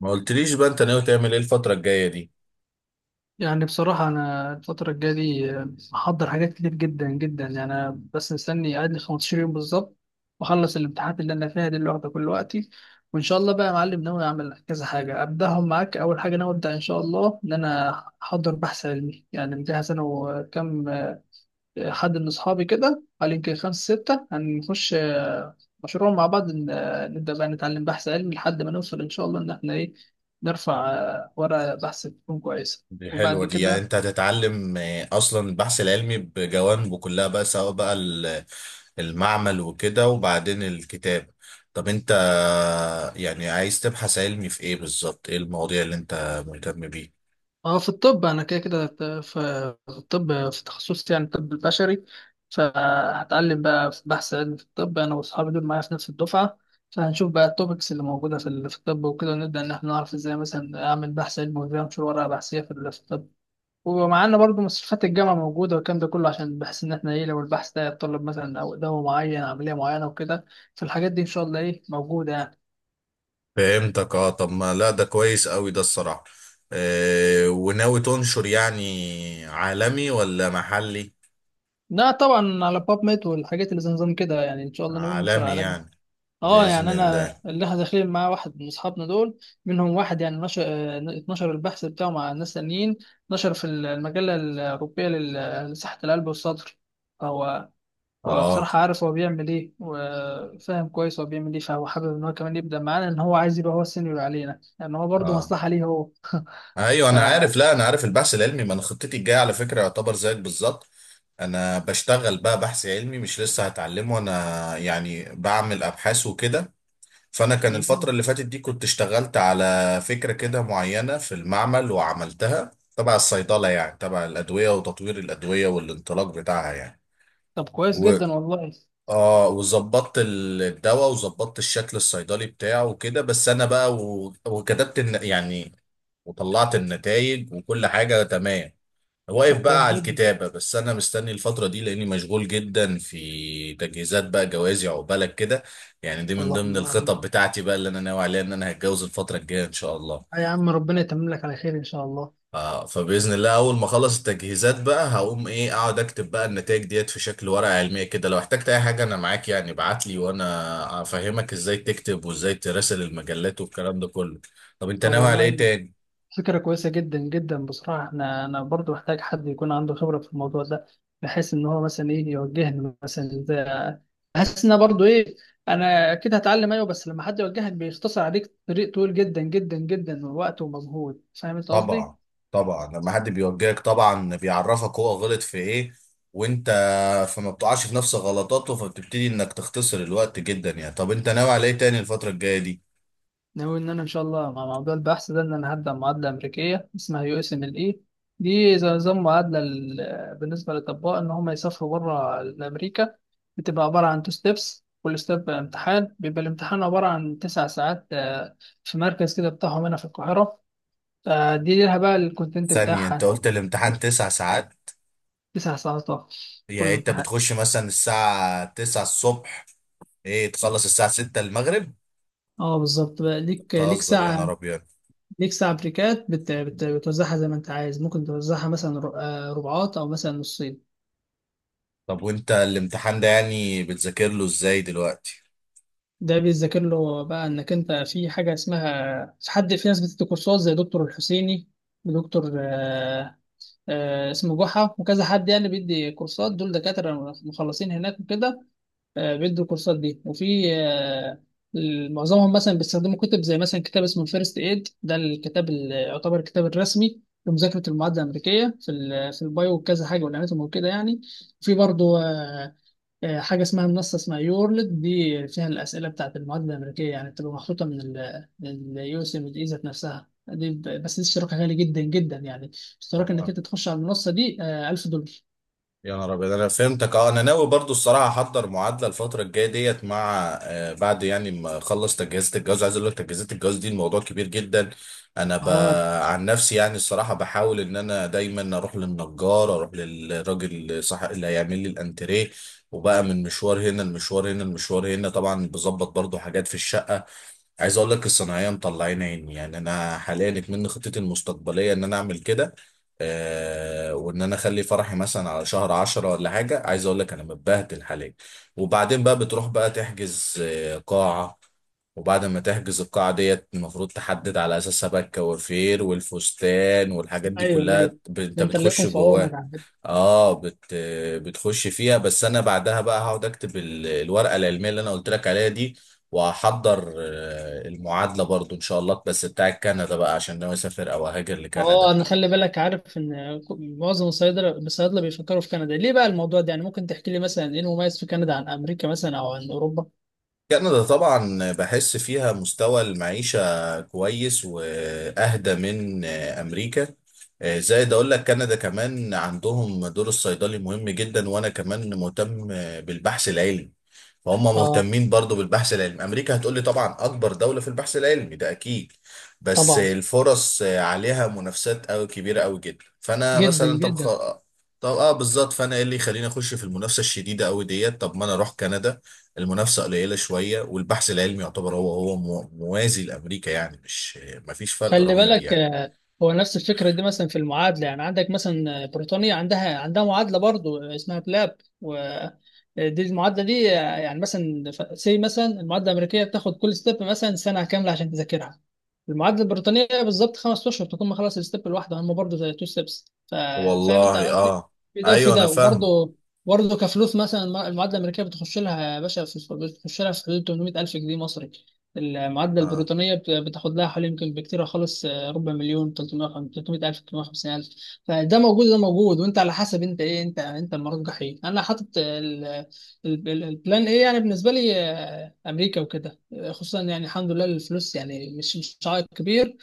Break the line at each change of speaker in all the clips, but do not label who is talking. ما قلتليش بقى انت ناوي تعمل ايه الفترة الجاية دي؟
يعني بصراحة أنا الفترة الجاية دي محضر حاجات كتير جدا جدا. يعني أنا بس مستني قاعد لي 15 يوم بالظبط، وأخلص الامتحانات اللي أنا فيها دي اللي واخدة كل وقتي. وإن شاء الله بقى يا معلم ناوي أعمل كذا حاجة أبدأهم معاك. أول حاجة ناوي أبدأ إن شاء الله إن أنا أحضر بحث علمي، يعني مجهز أنا وكم حد من أصحابي كده، قال يمكن 5 6 هنخش مشروع مع بعض. نبدأ بقى نتعلم بحث علمي لحد ما نوصل إن شاء الله إن إحنا إيه، نرفع ورقة بحث تكون كويسة
دي
وبعد
حلوة دي. يعني
كده.
انت هتتعلم اصلا البحث العلمي بجوانبه كلها بقى، سواء بقى المعمل وكده، وبعدين الكتاب. طب انت يعني عايز تبحث علمي في ايه بالظبط؟ ايه المواضيع اللي انت مهتم بيه؟
اه، في الطب انا كده كده في الطب، في تخصصي يعني الطب البشري. فهتعلم بقى في بحث علمي في الطب، انا واصحابي دول معايا في نفس الدفعه. فهنشوف بقى التوبكس اللي موجوده في الطب وكده، ونبدا ان احنا نعرف ازاي مثلا اعمل بحث علمي وازاي انشر ورقه بحثيه في الطب. ومعانا برضو مستشفيات الجامعه موجوده والكلام ده كله، عشان بحيث ان احنا ايه، لو البحث ده يتطلب مثلا او دواء معين، عمليه معينه وكده، فالحاجات دي ان شاء الله ايه، موجوده يعني.
فهمتك. اه طب ما لا، ده كويس قوي ده الصراحة. اه، وناوي تنشر يعني عالمي ولا محلي؟
لا طبعا، على باب ميت والحاجات اللي زي نظام كده، يعني ان شاء الله ناويين ننشر
عالمي
على.
يعني؟
اه
بإذن
يعني
الله.
انا اللي احنا داخلين مع واحد من اصحابنا دول، منهم واحد يعني نشر، اتنشر البحث بتاعه مع ناس تانيين. نشر في المجله الاوروبيه لصحه القلب والصدر. فهو هو
اه،
بصراحه عارف هو بيعمل ايه، وفاهم كويس هو بيعمل ايه، فهو حابب ان هو كمان يبدا معانا، ان هو عايز يبقى هو السينيور علينا، يعني هو برضه
اه،
مصلحه ليه هو.
ايوه
ف
انا عارف. لا انا عارف البحث العلمي، ما انا خطتي الجايه على فكره يعتبر زيك بالظبط. انا بشتغل بقى بحث علمي، مش لسه هتعلمه انا، يعني بعمل ابحاث وكده. فانا كان الفتره
مم.
اللي فاتت دي كنت اشتغلت على فكره كده معينه في المعمل وعملتها، تبع الصيدله يعني، تبع الادويه وتطوير الادويه والانطلاق بتاعها يعني.
طب كويس جدا والله.
اه، وظبطت الدواء، وظبطت الشكل الصيدلي بتاعه وكده. بس انا بقى يعني وطلعت النتائج وكل حاجة تمام. واقف
طب
بقى
كويس
على
جدا.
الكتابة بس، انا مستني الفترة دي لاني مشغول جدا في تجهيزات بقى جوازي، عقبالك كده. يعني دي من
الله
ضمن
الله.
الخطط بتاعتي بقى اللي انا ناوي عليها، ان انا هتجوز الفترة الجاية ان شاء الله.
آه يا عم، ربنا يتمم لك على خير ان شاء الله.
اه، فباذن الله اول ما اخلص التجهيزات بقى هقوم ايه اقعد اكتب بقى النتائج ديت في شكل ورقه علميه كده. لو احتجت اي حاجه انا معاك يعني، ابعت لي وانا افهمك ازاي تكتب وازاي تراسل المجلات والكلام ده كله. طب انت
طب
ناوي على ايه
والله،
تاني؟
فكرة كويسة جدا جدا بصراحة. احنا انا برضو محتاج حد يكون عنده خبرة في الموضوع ده، بحيث ان هو مثلا ايه، يوجهني مثلا ازاي. بحس ان أنا برضو ايه، انا اكيد هتعلم ايوه، بس لما حد يوجهك بيختصر عليك طريق طويل جدا جدا جدا من وقت ومجهود. فاهم انت قصدي؟
طبعا. طبعا لما حد بيوجهك طبعا بيعرفك هو غلط في ايه، وانت فما بتقعش في نفس غلطاته، فبتبتدي انك تختصر الوقت جدا يعني. طب انت ناوي على ايه تاني الفتره الجايه دي؟
ناوي ان انا ان شاء الله مع موضوع البحث ده، ان انا هبدا معادله امريكيه اسمها USMLE. دي زي نظام معادله بالنسبه للاطباء ان هم يسافروا بره امريكا. بتبقى عباره عن تو ستيبس، كل ستيب امتحان. بيبقى الامتحان عباره عن تسع ساعات، في مركز كده بتاعهم هنا في القاهره. فدي ليها بقى الكونتنت
ثانيه، انت
بتاعها.
قلت الامتحان تسع ساعات؟
9 ساعات طبعاً،
يعني
كل
انت
امتحان.
بتخش مثلا الساعة 9 الصبح، ايه تخلص الساعة 6 المغرب؟
اه بالظبط، بقى ليك ليك
تهزر يا
ساعة.
نهار ابيض!
ليك ساعة بريكات، بتوزعها زي ما انت عايز. ممكن توزعها مثلا ربعات، او مثلا نصين.
طب وانت الامتحان ده يعني بتذاكر له ازاي دلوقتي؟
ده بيذاكر له بقى انك انت، في حاجه اسمها، في حد، في ناس بتدي كورسات زي دكتور الحسيني ودكتور اسمه جحا وكذا حد. يعني بيدي كورسات، دول دكاتره مخلصين هناك وكده. بيدوا الكورسات دي. وفي آه، معظمهم مثلا بيستخدموا كتب، زي مثلا كتاب اسمه الفيرست ايد. ده الكتاب اللي يعتبر الكتاب الرسمي لمذاكره المعادله الامريكيه في البايو وكذا حاجه، والاناتومي وكده يعني. في برضه حاجة اسمها منصة اسمها يورلد، دي فيها الأسئلة بتاعت المواد الأمريكية، يعني بتبقى محطوطة من USMD ذات نفسها. دي بس دي اشتراكها غالي جدا جدا يعني. اشتراك إنك أنت تخش على المنصة دي 1000 دولار.
يا نهار ابيض، انا فهمتك. اه انا ناوي برضو الصراحه احضر معادله الفتره الجايه ديت مع آه بعد يعني ما اخلص تجهيزات الجواز. عايز اقول لك تجهيزات الجواز دي الموضوع كبير جدا. انا ب...
اه.
عن نفسي يعني الصراحه بحاول ان انا دايما اروح للنجار، اروح للراجل صح اللي هيعمل لي الانتريه، وبقى من مشوار هنا المشوار هنا المشوار هنا، طبعا بظبط برضو حاجات في الشقه. عايز اقول لك الصناعيه مطلعين عيني يعني. انا حاليا اتمنى خطتي المستقبليه ان انا اعمل كده، آه، وان انا اخلي فرحي مثلا على شهر عشرة ولا حاجه. عايز اقول لك انا متبهدل حاليا. وبعدين بقى بتروح بقى تحجز قاعه، وبعد ما تحجز القاعه ديت المفروض تحدد على اساسها بقى الكوافير والفستان والحاجات دي
ايوه ايوه،
كلها. انت
ده انت اللي
بتخش
يكون في عونك
جواها.
على فكرة.
اه، بتخش فيها. بس انا بعدها بقى هقعد اكتب الورقه العلميه اللي انا قلت لك عليها دي، وهحضر المعادلة برضو إن شاء الله، بس بتاع كندا بقى عشان ناوي أسافر أو أهاجر
اه
لكندا.
انا خلي بالك، عارف ان معظم الصيادله بيفكروا في كندا. ليه بقى الموضوع ده يعني؟ ممكن تحكي لي مثلا ايه المميز في كندا عن امريكا مثلا، او عن اوروبا؟
كندا طبعا بحس فيها مستوى المعيشة كويس وأهدى من أمريكا. زائد أقول لك كندا كمان عندهم دور الصيدلي مهم جدا، وأنا كمان مهتم بالبحث العلمي، فهم
اه
مهتمين برضو بالبحث العلمي. أمريكا هتقولي طبعا أكبر دولة في البحث العلمي، ده أكيد، بس
طبعا،
الفرص عليها منافسات أوي، كبيرة أوي جدا. فأنا
جدا
مثلا
جدا.
طب اه بالظبط، فانا ايه اللي يخليني اخش في المنافسه الشديده قوي ديت؟ طب ما انا اروح كندا، المنافسة قليلة شوية، والبحث العلمي يعتبر هو هو موازي لأمريكا يعني، مش مفيش فرق
خلي
رهيب
بالك
يعني.
هو نفس الفكرة دي مثلا في المعادلة. يعني عندك مثلا بريطانيا عندها معادلة برضو اسمها بلاب. ودي المعادلة دي يعني مثلا مثلا المعادلة الأمريكية بتاخد كل ستيب مثلا سنة كاملة عشان تذاكرها. المعادلة البريطانية بالظبط 5 أشهر تكون مخلص الستيب الواحدة. هم برضو زي تو ستيبس. فاهم أنت
والله،
قصدي؟
اه
في ده وفي
ايوه انا
ده.
فاهمة.
وبرضه برضه كفلوس، مثلا المعادلة الأمريكية بتخش لها يا باشا بتخش لها في حدود 800000 جنيه مصري. المعادلة
اه،
البريطانية بتاخد لها حوالي، يمكن بكتير خالص ربع مليون، 300 300 ألف، 350 ألف. فده موجود، ده موجود. وأنت على حسب أنت إيه، أنت أنت المرجح إيه؟ أنا حاطط البلان إيه يعني بالنسبة لي أمريكا وكده، خصوصا يعني الحمد لله الفلوس يعني مش عائق كبير.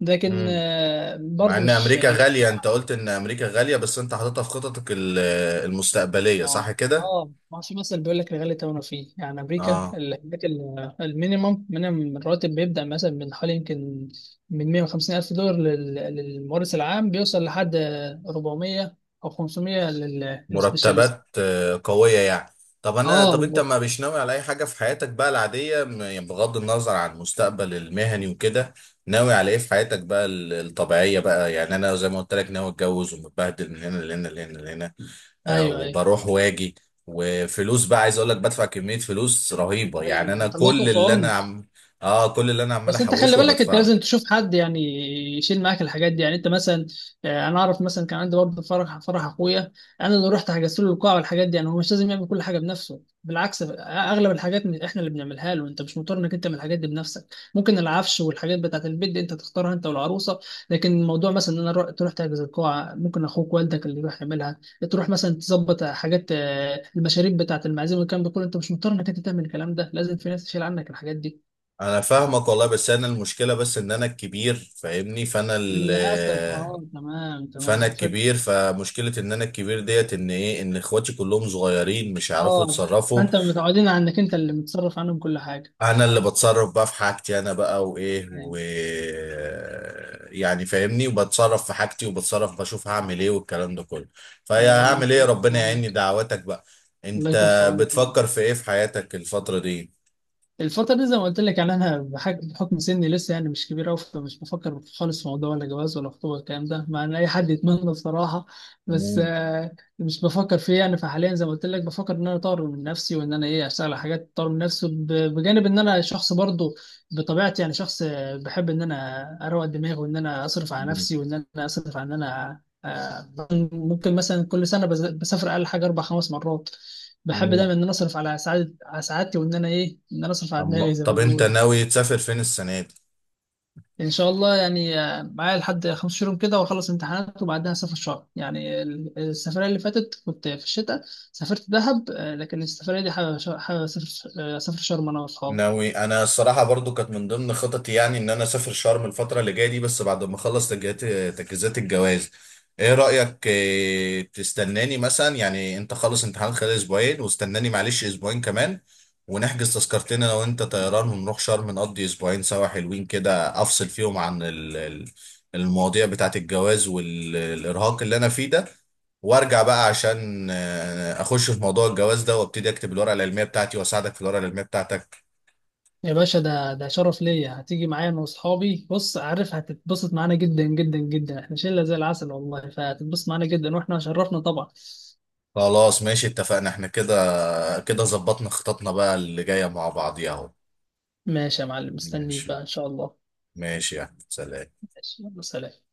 لكن
امم، مع
برضو
ان
مش
امريكا
مش.
غالية، انت قلت ان امريكا غالية بس انت حاططها في خططك المستقبلية، صح
اه
كده؟
اه، ما في مثلا بيقول لك الغالي ثمنه فيه، يعني امريكا
اه،
الحاجات المينيمم من الراتب بيبدا مثلا من حوالي، يمكن من 150 الف دولار للممارس العام، بيوصل لحد 400 او 500 للسبيشاليست.
مرتبات قوية يعني. طب انا،
اه
طب انت ما مش ناوي على اي حاجة في حياتك بقى العادية، يعني بغض النظر عن المستقبل المهني وكده، ناوي على ايه في حياتك بقى الطبيعية بقى؟ يعني انا زي ما قلت لك ناوي اتجوز، ومتبهدل من هنا لهنا لهنا لهنا، آه،
ايوه ايوه.
وبروح واجي، وفلوس بقى، عايز اقول لك بدفع كمية فلوس رهيبة يعني.
ايوه
انا
الله يكون
كل
في
اللي انا
عونك.
عم اه كل اللي انا عمال
بس انت خلي
احوشه
بالك، انت
وبدفعه.
لازم تشوف حد يعني يشيل معاك الحاجات دي. يعني انت مثلا انا اعرف مثلا كان عندي برضه فرح اخويا انا اللي رحت حجزت له القاعه والحاجات دي. يعني هو مش لازم يعمل كل حاجه بنفسه، بالعكس اغلب الحاجات احنا اللي بنعملها له. انت مش مضطر انك انت تعمل الحاجات دي بنفسك. ممكن العفش والحاجات بتاعت البيت دي انت تختارها انت والعروسه. لكن الموضوع مثلا ان انا تروح تحجز القاعه، ممكن اخوك والدك اللي يروح يعملها. تروح مثلا تظبط حاجات المشاريب بتاعت المعازيم والكلام ده كله. انت مش مضطر انك انت تعمل الكلام ده، لازم في ناس تشيل عنك الحاجات دي.
انا فاهمك والله، بس انا المشكله بس ان انا الكبير، فاهمني؟
للأسف اه، تمام
فانا
تمام،
الكبير، فمشكله ان انا الكبير ديت ان ايه، ان اخواتي كلهم صغيرين مش هيعرفوا
اه.
يتصرفوا.
فأنت متعودين على إنك أنت اللي متصرف عنهم كل حاجة.
انا اللي بتصرف بقى في حاجتي انا بقى، وايه و
أيوه
يعني فاهمني، وبتصرف في حاجتي، وبتصرف بشوف هعمل ايه والكلام ده كله.
أيوه.
فيا
لا الله
هعمل ايه،
يكون في
ربنا يعيني،
عونك.
دعواتك بقى. انت
الله يكون في عونك.
بتفكر في ايه في حياتك الفتره دي؟
الفترة دي زي ما قلت لك، يعني أنا بحكم سني لسه يعني مش كبير أوي، فمش بفكر خالص في موضوع ولا جواز ولا خطوبة الكلام ده، مع إن أي حد يتمنى بصراحة. بس
مم.
مش بفكر فيه يعني. فحاليا زي ما قلت لك، بفكر إن أنا أطور من نفسي، وإن أنا إيه، أشتغل على حاجات تطور من نفسي بجانب إن أنا شخص برضه بطبيعتي، يعني شخص بحب إن أنا أروق دماغي، وإن أنا أصرف على
مم.
نفسي، وإن أنا أصرف على إن أنا ممكن مثلا كل سنة بسافر أقل حاجة أربع خمس مرات. بحب
مم.
دايما ان انا اصرف على سعادة، على سعادتي، وان انا ايه، ان انا اصرف على دماغي زي ما
طب انت
بيقولوا.
ناوي تسافر فين السنه دي؟
ان شاء الله يعني معايا لحد 5 شهور كده، واخلص امتحانات وبعدها اسافر شهر. يعني السفرية اللي فاتت كنت في الشتاء، سافرت دهب لكن السفرية دي حابب حابب اسافر اسافر شرم انا واصحابي.
ناوي انا الصراحه برضو، كانت من ضمن خططي يعني ان انا اسافر شرم الفتره اللي جايه دي، بس بعد ما اخلص تجهيزات، تجهيزات الجواز. ايه رايك إيه تستناني مثلا يعني، انت خلص امتحان خلال اسبوعين واستناني معلش اسبوعين كمان، ونحجز تذكرتين انا وانت طيران ونروح شرم نقضي اسبوعين سوا حلوين كده، افصل فيهم عن المواضيع بتاعت الجواز والارهاق اللي انا فيه ده، وارجع بقى عشان اخش في موضوع الجواز ده، وابتدي اكتب الورقه العلميه بتاعتي، واساعدك في الورقه العلميه بتاعتك.
يا باشا، ده ده شرف ليا. هتيجي معايا انا واصحابي، بص عارف هتتبسط معانا جدا جدا جدا. احنا شلة زي العسل والله، فهتتبسط معانا جدا واحنا شرفنا طبعا.
خلاص ماشي، اتفقنا احنا كده. كده ظبطنا خططنا بقى اللي جاية مع بعضيها اهو.
ماشي يا معلم، مستنيك
ماشي،
بقى ان شاء الله.
ماشي يا احمد، سلام.
ماشي، يلا سلام.